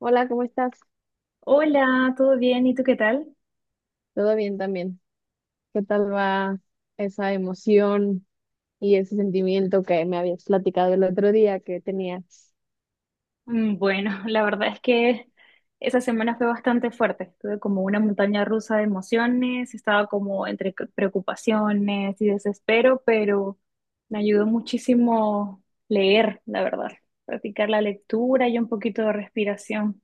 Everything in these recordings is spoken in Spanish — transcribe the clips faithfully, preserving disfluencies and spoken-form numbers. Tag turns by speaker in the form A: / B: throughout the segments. A: Hola, ¿cómo estás?
B: Hola, ¿todo bien? ¿Y tú qué tal?
A: Todo bien también. ¿Qué tal va esa emoción y ese sentimiento que me habías platicado el otro día que tenías?
B: Mm, Bueno, la verdad es que esa semana fue bastante fuerte. Tuve como una montaña rusa de emociones, estaba como entre c- preocupaciones y desespero, pero me ayudó muchísimo leer, la verdad, practicar la lectura y un poquito de respiración.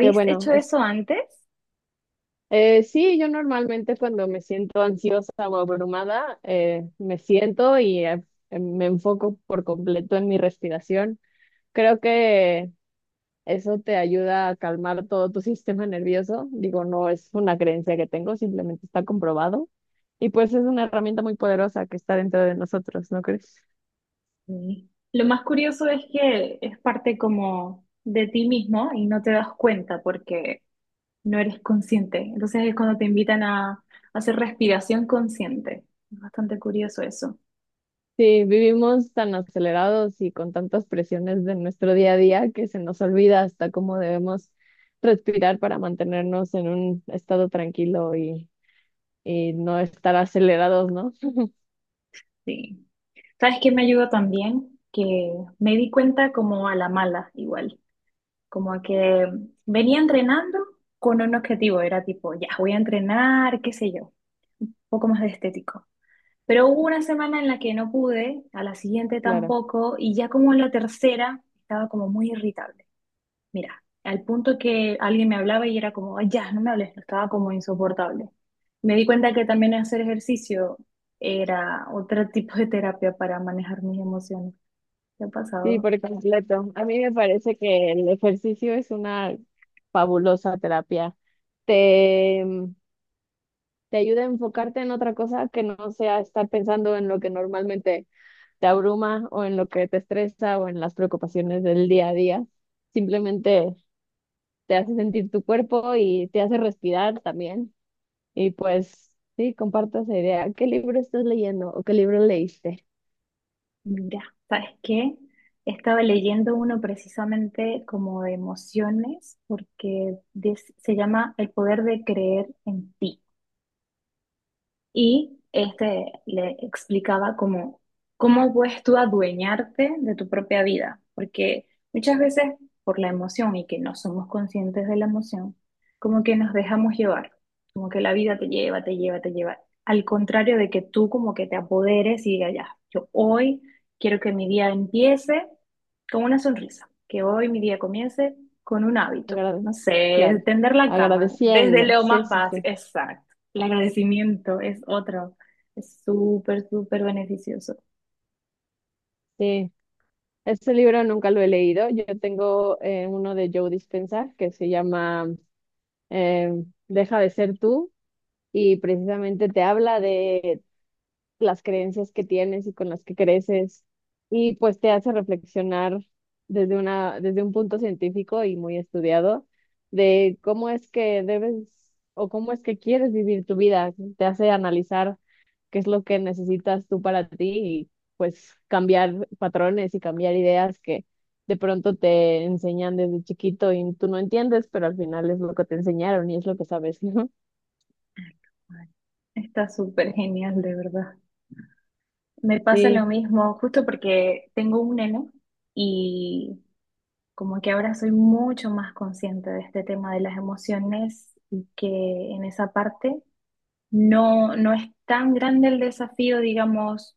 A: Que bueno,
B: hecho
A: es,
B: eso antes?
A: eh, sí, yo normalmente cuando me siento ansiosa o abrumada, eh, me siento y eh, me enfoco por completo en mi respiración. Creo que eso te ayuda a calmar todo tu sistema nervioso. Digo, no es una creencia que tengo, simplemente está comprobado. Y pues es una herramienta muy poderosa que está dentro de nosotros, ¿no crees?
B: Sí. Lo más curioso es que es parte como de ti mismo y no te das cuenta porque no eres consciente. Entonces es cuando te invitan a hacer respiración consciente. Es bastante curioso eso.
A: Sí, vivimos tan acelerados y con tantas presiones de nuestro día a día que se nos olvida hasta cómo debemos respirar para mantenernos en un estado tranquilo y, y no estar acelerados, ¿no?
B: Sí. ¿Sabes qué me ayudó también? Que me di cuenta como a la mala, igual. Como que venía entrenando con un objetivo. Era tipo, ya, voy a entrenar, qué sé yo, un poco más de estético. Pero hubo una semana en la que no pude, a la siguiente
A: Claro.
B: tampoco, y ya como en la tercera estaba como muy irritable. Mira, al punto que alguien me hablaba y era como: "Ay, ya, no me hables", estaba como insoportable. Me di cuenta que también hacer ejercicio era otro tipo de terapia para manejar mis emociones. ¿Qué ha
A: Sí,
B: pasado?
A: por completo. A mí me parece que el ejercicio es una fabulosa terapia. Te, mm, te ayuda a enfocarte en otra cosa que no sea estar pensando en lo que normalmente te abruma o en lo que te estresa o en las preocupaciones del día a día. Simplemente te hace sentir tu cuerpo y te hace respirar también. Y pues sí, comparto esa idea. ¿Qué libro estás leyendo o qué libro leíste?
B: Mira, ¿sabes qué? Estaba leyendo uno precisamente como de emociones, porque des- se llama El poder de creer en ti. Y este le explicaba cómo, cómo puedes tú adueñarte de tu propia vida, porque muchas veces por la emoción y que no somos conscientes de la emoción, como que nos dejamos llevar, como que la vida te lleva, te lleva, te lleva, al contrario de que tú como que te apoderes y digas, ya, yo hoy quiero que mi día empiece con una sonrisa, que hoy mi día comience con un hábito,
A: Agra-
B: no sé,
A: claro,
B: tender la cama, desde
A: agradeciendo.
B: lo
A: Sí,
B: más
A: sí,
B: básico,
A: sí.
B: exacto. El agradecimiento es otro. Es súper, súper beneficioso.
A: Sí, este libro nunca lo he leído. Yo tengo eh, uno de Joe Dispenza que se llama eh, Deja de ser tú, y precisamente te habla de las creencias que tienes y con las que creces, y pues te hace reflexionar desde una, desde un punto científico y muy estudiado de cómo es que debes o cómo es que quieres vivir tu vida. Te hace analizar qué es lo que necesitas tú para ti y pues cambiar patrones y cambiar ideas que de pronto te enseñan desde chiquito y tú no entiendes, pero al final es lo que te enseñaron y es lo que sabes, ¿no?
B: Ay, está súper genial, de verdad. Me pasa lo
A: Sí,
B: mismo justo porque tengo un neno y como que ahora soy mucho más consciente de este tema de las emociones y que en esa parte no, no es tan grande el desafío, digamos,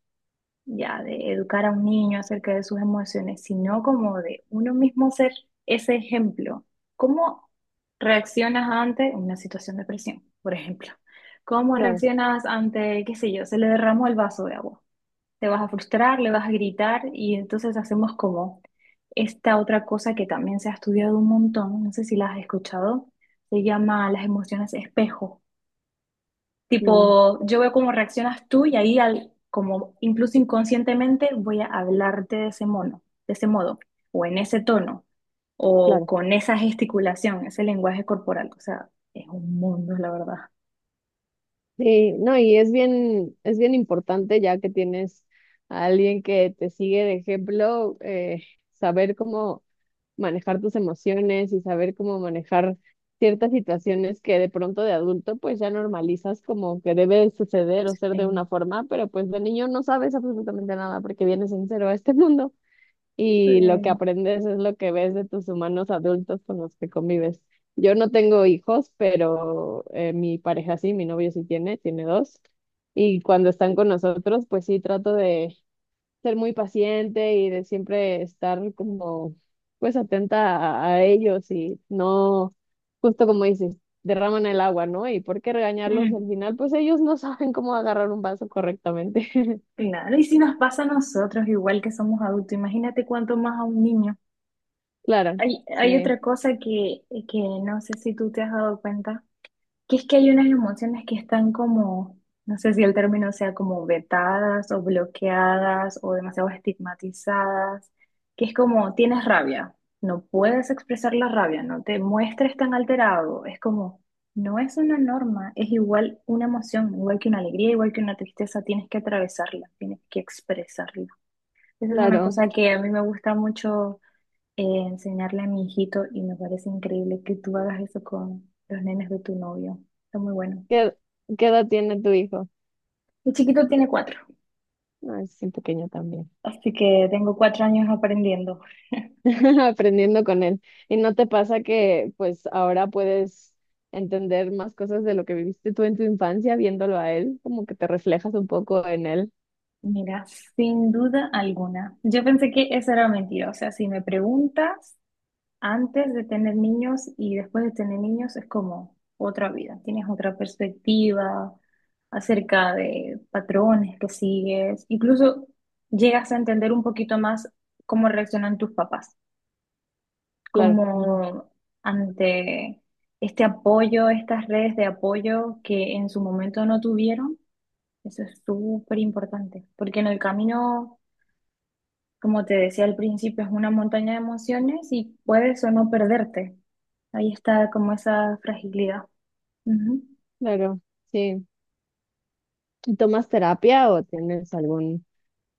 B: ya de educar a un niño acerca de sus emociones, sino como de uno mismo ser ese ejemplo. ¿Cómo reaccionas ante una situación de presión, por ejemplo? ¿Cómo
A: claro,
B: reaccionas ante, qué sé yo, se le derramó el vaso de agua? Te vas a frustrar, le vas a gritar y entonces hacemos como esta otra cosa que también se ha estudiado un montón, no sé si la has escuchado, se llama las emociones espejo.
A: mm,
B: Tipo, yo veo cómo reaccionas tú y ahí, al, como incluso inconscientemente, voy a hablarte de ese mono, de ese modo, o en ese tono, o
A: claro.
B: con esa gesticulación, ese lenguaje corporal. O sea, es un mundo, la verdad.
A: Sí, no, y es bien, es bien importante ya que tienes a alguien que te sigue de ejemplo, eh, saber cómo manejar tus emociones y saber cómo manejar ciertas situaciones que de pronto de adulto pues ya normalizas como que debe suceder o ser de una
B: En-
A: forma, pero pues de niño no sabes absolutamente nada porque vienes en cero a este mundo, y lo que
B: Sí.
A: aprendes es lo que ves de tus humanos adultos con los que convives. Yo no tengo hijos, pero eh, mi pareja sí, mi novio sí tiene, tiene dos. Y cuando están con nosotros, pues sí trato de ser muy paciente y de siempre estar como pues atenta a, a ellos y no, justo como dices, derraman el agua, ¿no? ¿Y por qué regañarlos? Y
B: Mm,
A: al final, pues ellos no saben cómo agarrar un vaso correctamente.
B: claro, y si nos pasa a nosotros, igual que somos adultos, imagínate cuánto más a un niño.
A: Claro,
B: Hay, hay
A: sí,
B: otra cosa que, que no sé si tú te has dado cuenta. Que es que hay unas emociones que están como, no sé si el término sea como vetadas o bloqueadas o demasiado estigmatizadas, que es como tienes rabia, no puedes expresar la rabia, no te muestres tan alterado, es como, no es una norma, es igual una emoción, igual que una alegría, igual que una tristeza, tienes que atravesarla, tienes que expresarla. Esa es una
A: claro.
B: cosa que a mí me gusta mucho eh, enseñarle a mi hijito y me parece increíble que tú hagas eso con los nenes de tu novio. Está muy bueno.
A: ¿Qué, qué edad tiene tu hijo?
B: Mi chiquito tiene cuatro,
A: No, es bien pequeño también.
B: así que tengo cuatro años aprendiendo.
A: Aprendiendo con él. ¿Y no te pasa que pues ahora puedes entender más cosas de lo que viviste tú en tu infancia viéndolo a él? Como que te reflejas un poco en él.
B: Mira, sin duda alguna. Yo pensé que eso era mentira. O sea, si me preguntas antes de tener niños y después de tener niños, es como otra vida. Tienes otra perspectiva acerca de patrones que sigues. Incluso llegas a entender un poquito más cómo reaccionan tus papás.
A: Claro.
B: Como ante este apoyo, estas redes de apoyo que en su momento no tuvieron. Eso es súper importante, porque en el camino, como te decía al principio, es una montaña de emociones y puedes o no perderte. Ahí está como esa fragilidad. Ujú.
A: Claro, sí. ¿Y tomas terapia o tienes algún,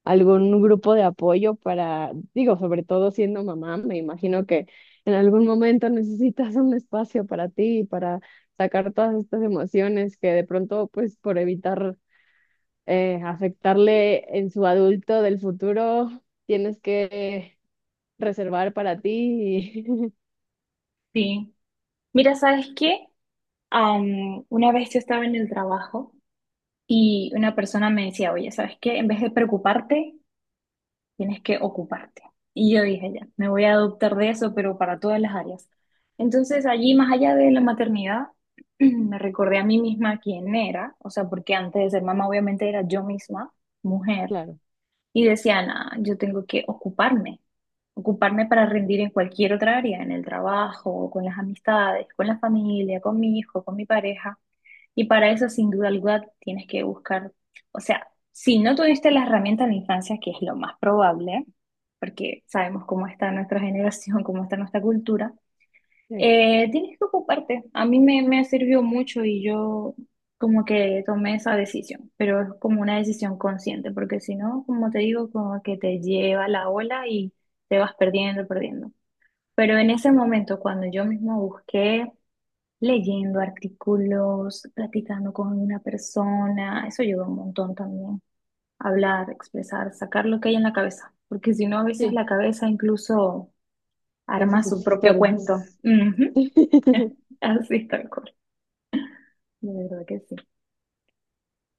A: algún grupo de apoyo para, digo, sobre todo siendo mamá? Me imagino que en algún momento necesitas un espacio para ti, para sacar todas estas emociones que de pronto, pues por evitar eh, afectarle en su adulto del futuro, tienes que reservar para ti y
B: Sí. Mira, ¿sabes qué? Am, una vez yo estaba en el trabajo y una persona me decía, oye, ¿sabes qué? En vez de preocuparte, tienes que ocuparte. Y yo dije, ya, me voy a adoptar de eso, pero para todas las áreas. Entonces, allí, más allá de la maternidad, me recordé a mí misma quién era, o sea, porque antes de ser mamá, obviamente era yo misma, mujer,
A: claro,
B: y decía: "Nah, yo tengo que ocuparme, ocuparme para rendir en cualquier otra área, en el trabajo, con las amistades, con la familia, con mi hijo, con mi pareja". Y para eso, sin duda alguna, tienes que buscar, o sea, si no tuviste las herramientas de la infancia, que es lo más probable, porque sabemos cómo está nuestra generación, cómo está nuestra cultura,
A: sí,
B: eh, tienes que ocuparte. A mí me, me sirvió mucho y yo como que tomé esa decisión, pero es como una decisión consciente, porque si no, como te digo, como que te lleva la ola y te vas perdiendo, perdiendo. Pero en ese momento, cuando yo misma busqué leyendo artículos, platicando con una persona, eso ayuda un montón también. Hablar, expresar, sacar lo que hay en la cabeza, porque si no, a veces
A: sí,
B: la cabeza incluso
A: te
B: arma
A: haces
B: su
A: sus
B: propio cuento.
A: historias.
B: Ujú. Así tal cual. De verdad que sí.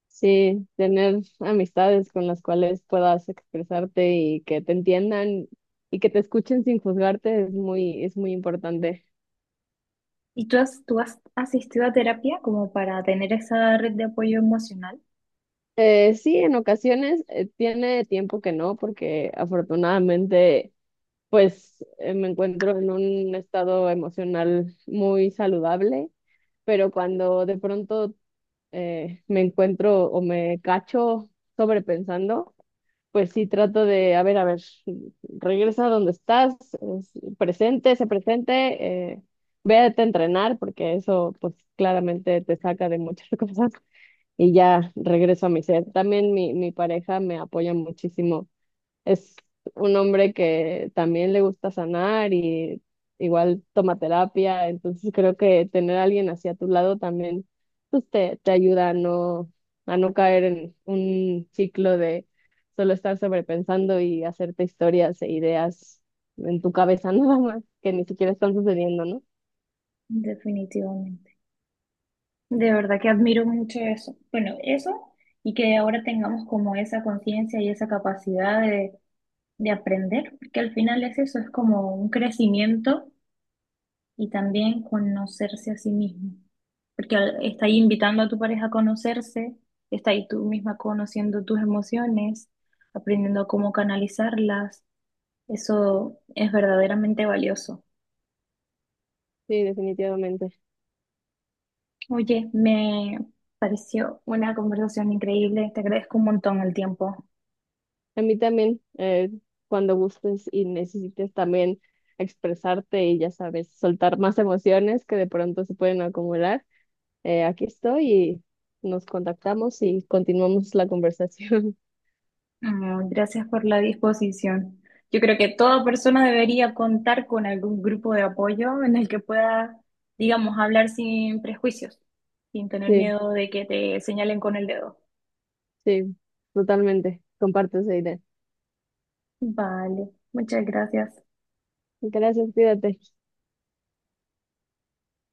A: Sí, tener amistades con las cuales puedas expresarte y que te entiendan y que te escuchen sin juzgarte es muy, es muy importante.
B: ¿Y tú has, tú has asistido a terapia como para tener esa red de apoyo emocional?
A: Eh, sí, en ocasiones eh, tiene tiempo que no, porque afortunadamente pues eh, me encuentro en un estado emocional muy saludable, pero cuando de pronto eh, me encuentro o me cacho sobrepensando, pues sí trato de, a ver, a ver, regresa a donde estás, es- presente, sé presente, eh, vete a entrenar, porque eso pues claramente te saca de muchas cosas y ya regreso a mi ser. También mi, mi pareja me apoya muchísimo, es un hombre que también le gusta sanar y igual toma terapia, entonces creo que tener a alguien así a tu lado también pues te, te ayuda a no, a no caer en un ciclo de solo estar sobrepensando y hacerte historias e ideas en tu cabeza nada más que ni siquiera están sucediendo, ¿no?
B: Definitivamente. De verdad que admiro mucho eso. Bueno, eso y que ahora tengamos como esa conciencia y esa capacidad de, de aprender, porque al final es eso, es como un crecimiento y también conocerse a sí mismo, porque al- está ahí invitando a tu pareja a conocerse, está ahí tú misma conociendo tus emociones, aprendiendo cómo canalizarlas, eso es verdaderamente valioso.
A: Sí, definitivamente.
B: Oye, me pareció una conversación increíble, te agradezco un montón el tiempo.
A: A mí también, eh, cuando gustes y necesites también expresarte y ya sabes, soltar más emociones que de pronto se pueden acumular, eh, aquí estoy y nos contactamos y continuamos la conversación.
B: Ah, gracias por la disposición. Yo creo que toda persona debería contar con algún grupo de apoyo en el que pueda, digamos, hablar sin prejuicios, sin tener
A: Sí,
B: miedo de que te señalen con el dedo.
A: sí, totalmente. Comparto esa idea.
B: Vale, muchas gracias.
A: Gracias, cuídate.